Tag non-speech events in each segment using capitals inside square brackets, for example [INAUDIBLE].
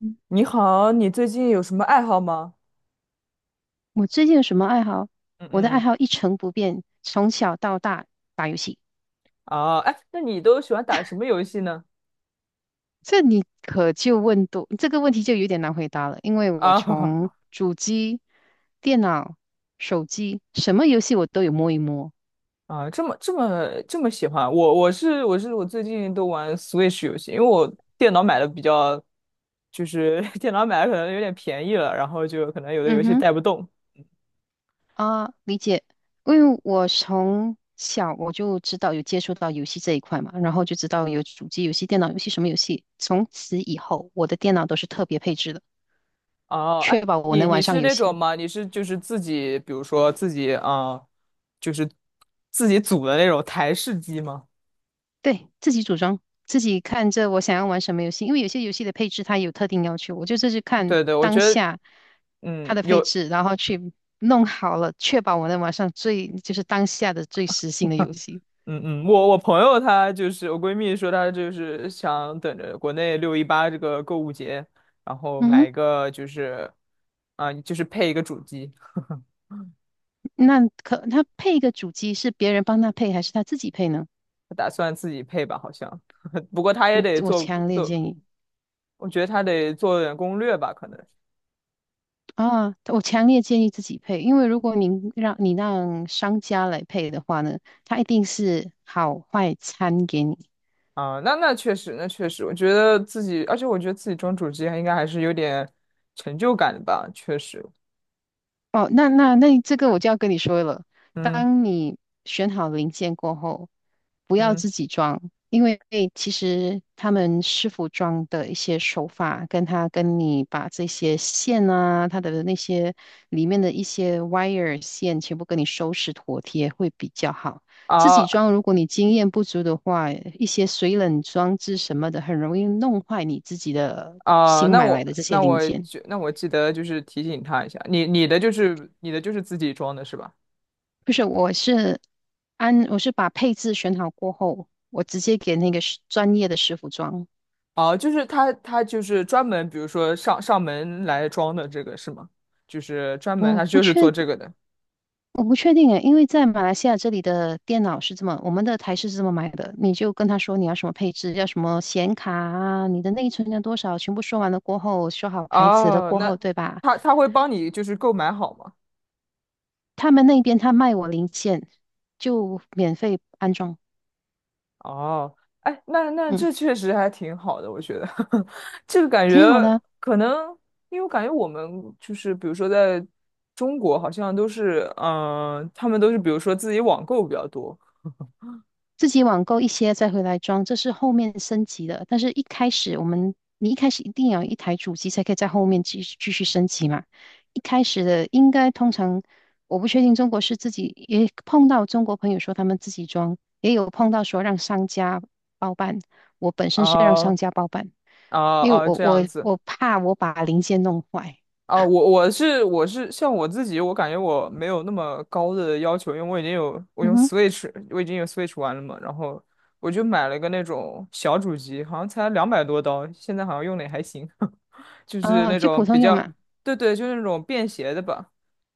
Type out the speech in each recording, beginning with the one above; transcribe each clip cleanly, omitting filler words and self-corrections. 嗯，你好，你最近有什么爱好吗？我最近有什么爱好？嗯我的爱嗯，好一成不变，从小到大打游戏。哦，哎，那你都喜欢打什么游戏呢？这你可就问多，这个问题就有点难回答了，因为我啊 从 [LAUGHS] 主机、电脑、手机，什么游戏我都有摸一摸。啊，这么喜欢我，我最近都玩 Switch 游戏，因为我电脑买的比较，就是 [LAUGHS] 电脑买的可能有点便宜了，然后就可能有的游嗯戏哼。带不动。理解。因为我从小我就知道有接触到游戏这一块嘛，然后就知道有主机游戏、电脑游戏什么游戏。从此以后，我的电脑都是特别配置的，哦，哎，确保我你能玩你上是游那种戏。吗？你是就是自己，比如说自己啊，就是自己组的那种台式机吗？对，自己组装，自己看着我想要玩什么游戏，因为有些游戏的配置它有特定要求，我就是去看对对，我觉当得，下它的配有置，然后去弄好了，确保我能玩上最当下的最时兴的游戏。嗯嗯，我朋友她就是我闺蜜说她就是想等着国内618这个购物节，然后嗯买哼。一个就是就是配一个主机，那可他配一个主机是别人帮他配还是他自己配呢？她打算自己配吧，好像。[LAUGHS] 不过她也得我做强烈做，建议，我觉得她得做点攻略吧，可能我强烈建议自己配，因为如果您让商家来配的话呢，他一定是好坏参给你。啊、那确实，那确实，我觉得自己，而且我觉得自己装主机还应该还是有点成就感的吧，确实。哦，那这个我就要跟你说了。嗯当你选好零件过后，不要嗯，自己装，因为其实他们师傅装的一些手法，跟你把这些线啊，它的那些里面的一些 wire 线全部跟你收拾妥帖会比较好。自己啊装，如果你经验不足的话，一些水冷装置什么的，很容易弄坏你自己的啊、新那买我来的这些那零我件。就那我记得就是提醒他一下，你的就是自己装的是吧？不是，我是我是把配置选好过后，我直接给那个专业的师傅装。哦，就是他就是专门，比如说上门来装的这个是吗？就是专门我他不就是做确这个的。我不确定诶，因为在马来西亚这里的电脑是这么，我们的台式是这么买的，你就跟他说你要什么配置，要什么显卡啊，你的内存要多少，全部说完了过后，说好牌子了哦，过那后，对吧？他会帮你就是购买好吗？他们那边他卖我零件，就免费安装。哦，哎，那嗯，这确实还挺好的，我觉得 [LAUGHS] 这个感觉挺好的啊。可能，因为我感觉我们就是比如说在中国好像都是，他们都是比如说自己网购比较多，自己网购一些再回来装，这是后面升级的。但是一开始我们，你一开始一定要有一台主机才可以在后面继续升级嘛。一开始的应该通常，我不确定中国，自己也碰到中国朋友说他们自己装，也有碰到说让商家包办。我本身是让啊商家包办，啊因为啊！这样子我怕我把零件弄坏。啊，我像我自己，我感觉我没有那么高的要求，因为我已经有我嗯用 哼。Switch，我已经有 Switch 玩了嘛，然后我就买了个那种小主机，好像才200多刀，现在好像用的也还行，[LAUGHS] 就是哦，那就普种比通用较，嘛。对对，就是那种便携的吧。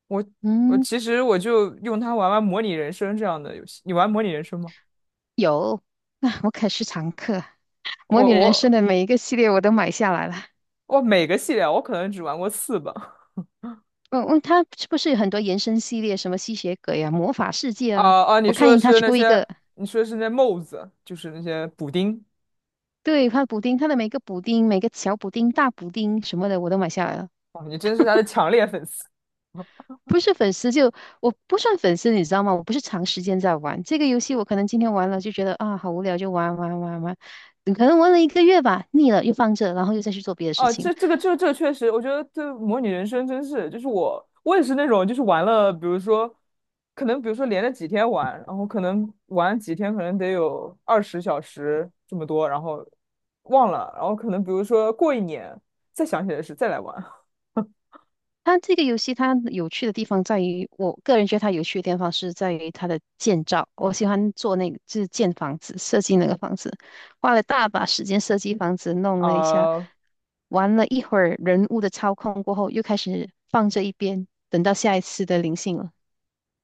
我我嗯，其实我就用它玩玩模拟人生这样的游戏，你玩模拟人生吗？有，[LAUGHS] 那我可是常客。模我拟人生我的每一个系列我都买下来了。我每个系列啊我可能只玩过4吧。嗯嗯，它是不是有很多延伸系列，什么吸血鬼啊、魔法世界啊？啊啊！你我说的看它是那出一些，个，你说的是那帽子，就是那些补丁。对，它补丁，它的每个补丁、每个小补丁、大补丁什么的，我都买下来了。哦，你真是他的强烈粉丝。不是粉丝，我不算粉丝，你知道吗？我不是长时间在玩这个游戏，我可能今天玩了就觉得啊好无聊，就玩，嗯可能玩了一个月吧，腻了又放着，然后又再去做别的事啊！情。这个确实，我觉得这模拟人生真是，就是我也是那种，就是玩了，比如说，可能比如说连着几天玩，然后可能玩几天，可能得有20小时这么多，然后忘了，然后可能比如说过一年再想起来是再来玩。[LAUGHS] 它这个游戏它有趣的地方在于，我个人觉得它有趣的地方是在于它的建造。我喜欢做那个，就是建房子，设计那个房子，花了大把时间设计房子，弄了一下，啊、玩了一会儿人物的操控过后，又开始放这一边，等到下一次的灵性了。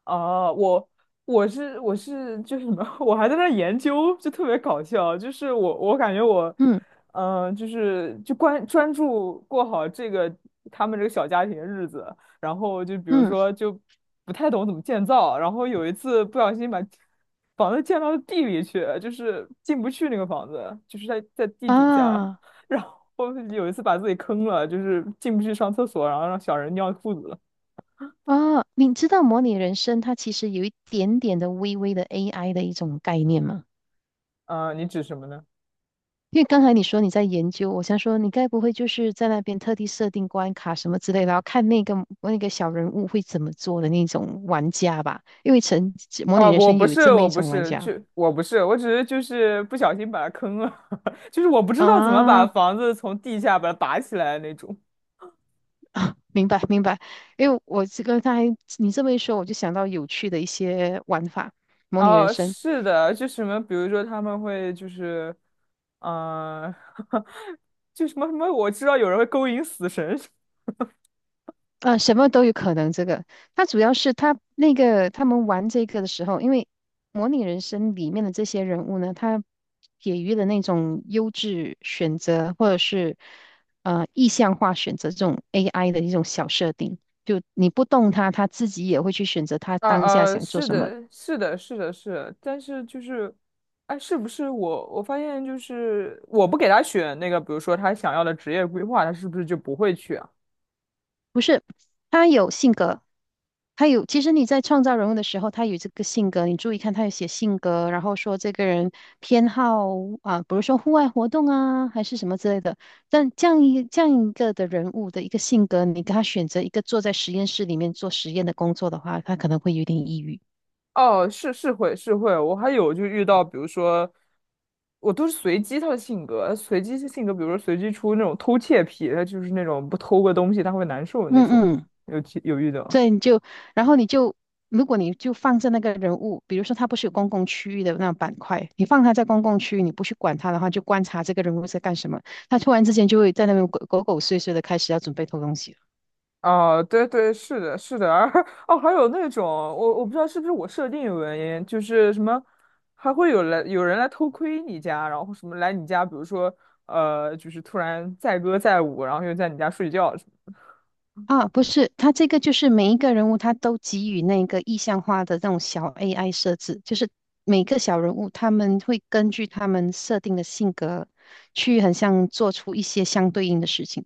哦，我就是什么，[LAUGHS] 我还在那儿研究，就特别搞笑。就是我感觉我，嗯就是就关专注过好这个他们这个小家庭的日子，然后就比如嗯。说就不太懂怎么建造，然后有一次不小心把房子建到地里去，就是进不去那个房子，就是在地底下，啊 [LAUGHS] 然后有一次把自己坑了，就是进不去上厕所，然后让小人尿裤子了。啊，你知道模拟人生它其实有一点点的微微的 AI 的一种概念吗？嗯、你指什么呢？因为刚才你说你在研究，我想说你该不会就是在那边特地设定关卡什么之类的，然后看那个小人物会怎么做的那种玩家吧？因为模啊，拟人我生不有是，这么我一不种玩是，家。就我不是，我只是就是不小心把它坑了，[LAUGHS] 就是我不知道怎么把啊，房子从地下把它拔起来那种。啊 [LAUGHS] 明白明白。因为我这个刚才你这么一说，我就想到有趣的一些玩法，模拟人哦，生。是的，就什么，比如说他们会就是，嗯、[LAUGHS] 就什么什么，我知道有人会勾引死神。呃，什么都有可能。这个，它主要是他们玩这个的时候，因为模拟人生里面的这些人物呢，他给予的那种优质选择，或者是意向化选择这种 AI 的一种小设定，就你不动它，它自己也会去选择它啊当下啊，想做是什么。的，是的，是的，是的，但是就是，哎，是不是我发现就是我不给他选那个，比如说他想要的职业规划，他是不是就不会去啊？不是，他有性格，他有。其实你在创造人物的时候，他有这个性格，你注意看，他有写性格，然后说这个人偏好啊，比如说户外活动啊，还是什么之类的。但这样一个的人物的一个性格，你给他选择一个坐在实验室里面做实验的工作的话，他可能会有点抑郁。哦，是是会是会，我还有就遇到，比如说，我都是随机他的性格，随机性格，比如说随机出那种偷窃癖，他就是那种不偷个东西他会难受的那嗯种，嗯。有其有遇到。对，然后你就，如果你就放着那个人物，比如说他不是有公共区域的那种板块，你放他在公共区域，你不去管他的话，就观察这个人物在干什么，他突然之间就会在那边鬼鬼狗祟碎的开始要准备偷东西了。哦，对对，是的，是的，[LAUGHS] 而哦，还有那种我不知道是不是我设定有原因，就是什么还会有来有人来偷窥你家，然后什么来你家，比如说就是突然载歌载舞，然后又在你家睡觉什么，啊，不是，他这个就是每一个人物他都给予那个意象化的那种小 AI 设置，就是每个小人物他们会根据他们设定的性格去很像做出一些相对应的事情。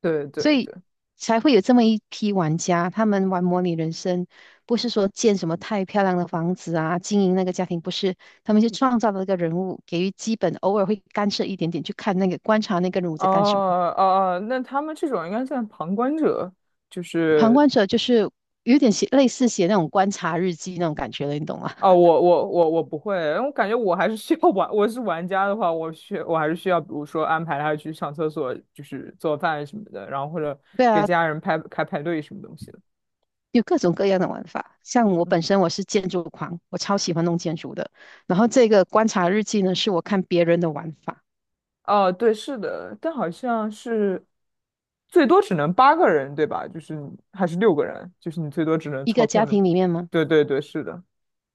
对对所以对。才会有这么一批玩家，他们玩模拟人生，不是说建什么太漂亮的房子啊，经营那个家庭，不是，他们就创造了一个人物，给予基本，偶尔会干涉一点点，去看观察那个人物哦在干什么。哦哦，那他们这种应该算旁观者，就旁是观者就是有点类似写那种观察日记那种感觉了，你懂吗？哦，我不会，因为我感觉我还是需要玩，我是玩家的话，我还是需要，比如说安排他去上厕所，就是做饭什么的，然后或者 [LAUGHS] 对给啊，家人排开派对什么东西的。有各种各样的玩法。像我嗯本身我是建筑狂，我超喜欢弄建筑的。然后这个观察日记呢，是我看别人的玩法。哦，对，是的，但好像是最多只能八个人，对吧？就是还是六个人，就是你最多只能一操个控家着。庭里面吗？对对对，是的。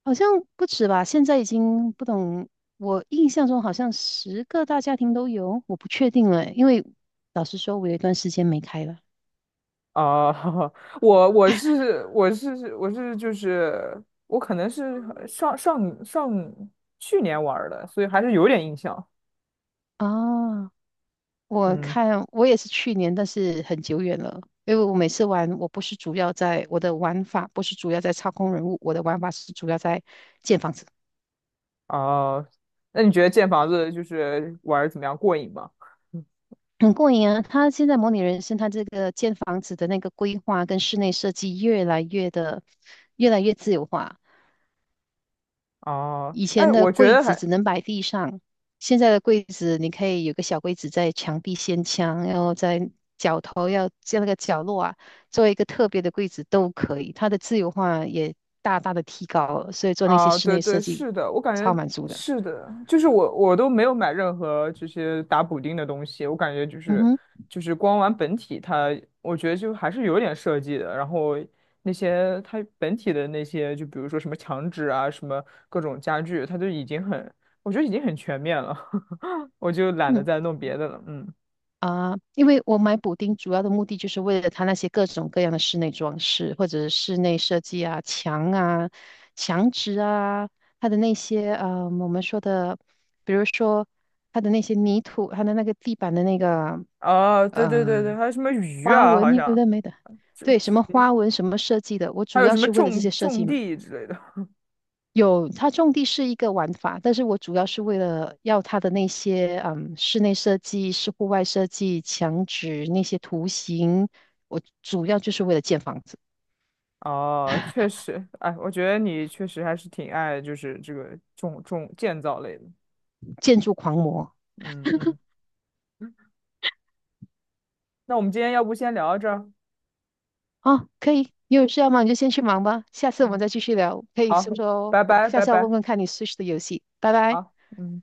好像不止吧，现在已经不懂。我印象中好像十个大家庭都有，我不确定了，因为老实说，我有一段时间没开了。啊、[LAUGHS] 我就是我可能是上上上去年玩儿的，所以还是有点印象。啊，我嗯，看我也是去年，但是很久远了。因为我每次玩，我的玩法，不是主要在操控人物，我的玩法是主要在建房子，啊、那你觉得建房子就是玩儿怎么样过瘾吗？[LAUGHS] 很过瘾啊。他现在模拟人生，他这个建房子的那个规划跟室内设计越来越的越来越自由化。哦，以哎，前的我觉柜得子还只能摆地上，现在的柜子你可以有个小柜子在墙壁掀墙，然后在角头要在那个角落啊，做一个特别的柜子都可以。它的自由化也大大的提高了，所以做那些啊，室对内对，设计是的，我感超觉满足的。是的，就是我都没有买任何这些打补丁的东西，我感觉就嗯是哼，就是光玩本体它，我觉得就还是有点设计的。然后那些它本体的那些，就比如说什么墙纸啊，什么各种家具，它都已经很，我觉得已经很全面了，[LAUGHS] 我就懒得嗯。再弄别的了。嗯，啊，因为我买补丁主要的目的就是为了它那些各种各样的室内装饰，或者是室内设计啊、墙啊、墙纸啊，它的那些我们说的，比如说它的那些泥土，它的那个地板的那个啊，对对对对，呃还有什么鱼花啊，纹，好有像的没的。这对，什么花纹、什么设计的，我还主有要什么是为了这些种设计。种地之类的。有，它种地是一个玩法，但是我主要是为了要它的那些室内设计、是户外设计、墙纸那些图形，我主要就是为了建房子，哦，确实，哎，我觉得你确实还是挺爱就是这个建造类的。建筑狂魔。嗯嗯嗯，那我们今天要不先聊到这儿？啊，可以，你有事要忙你就先去忙吧，下次我嗯，们再继续聊，可以说好，说哦拜我拜下拜次要问拜，问看你 Switch 的游戏。拜拜。好，嗯。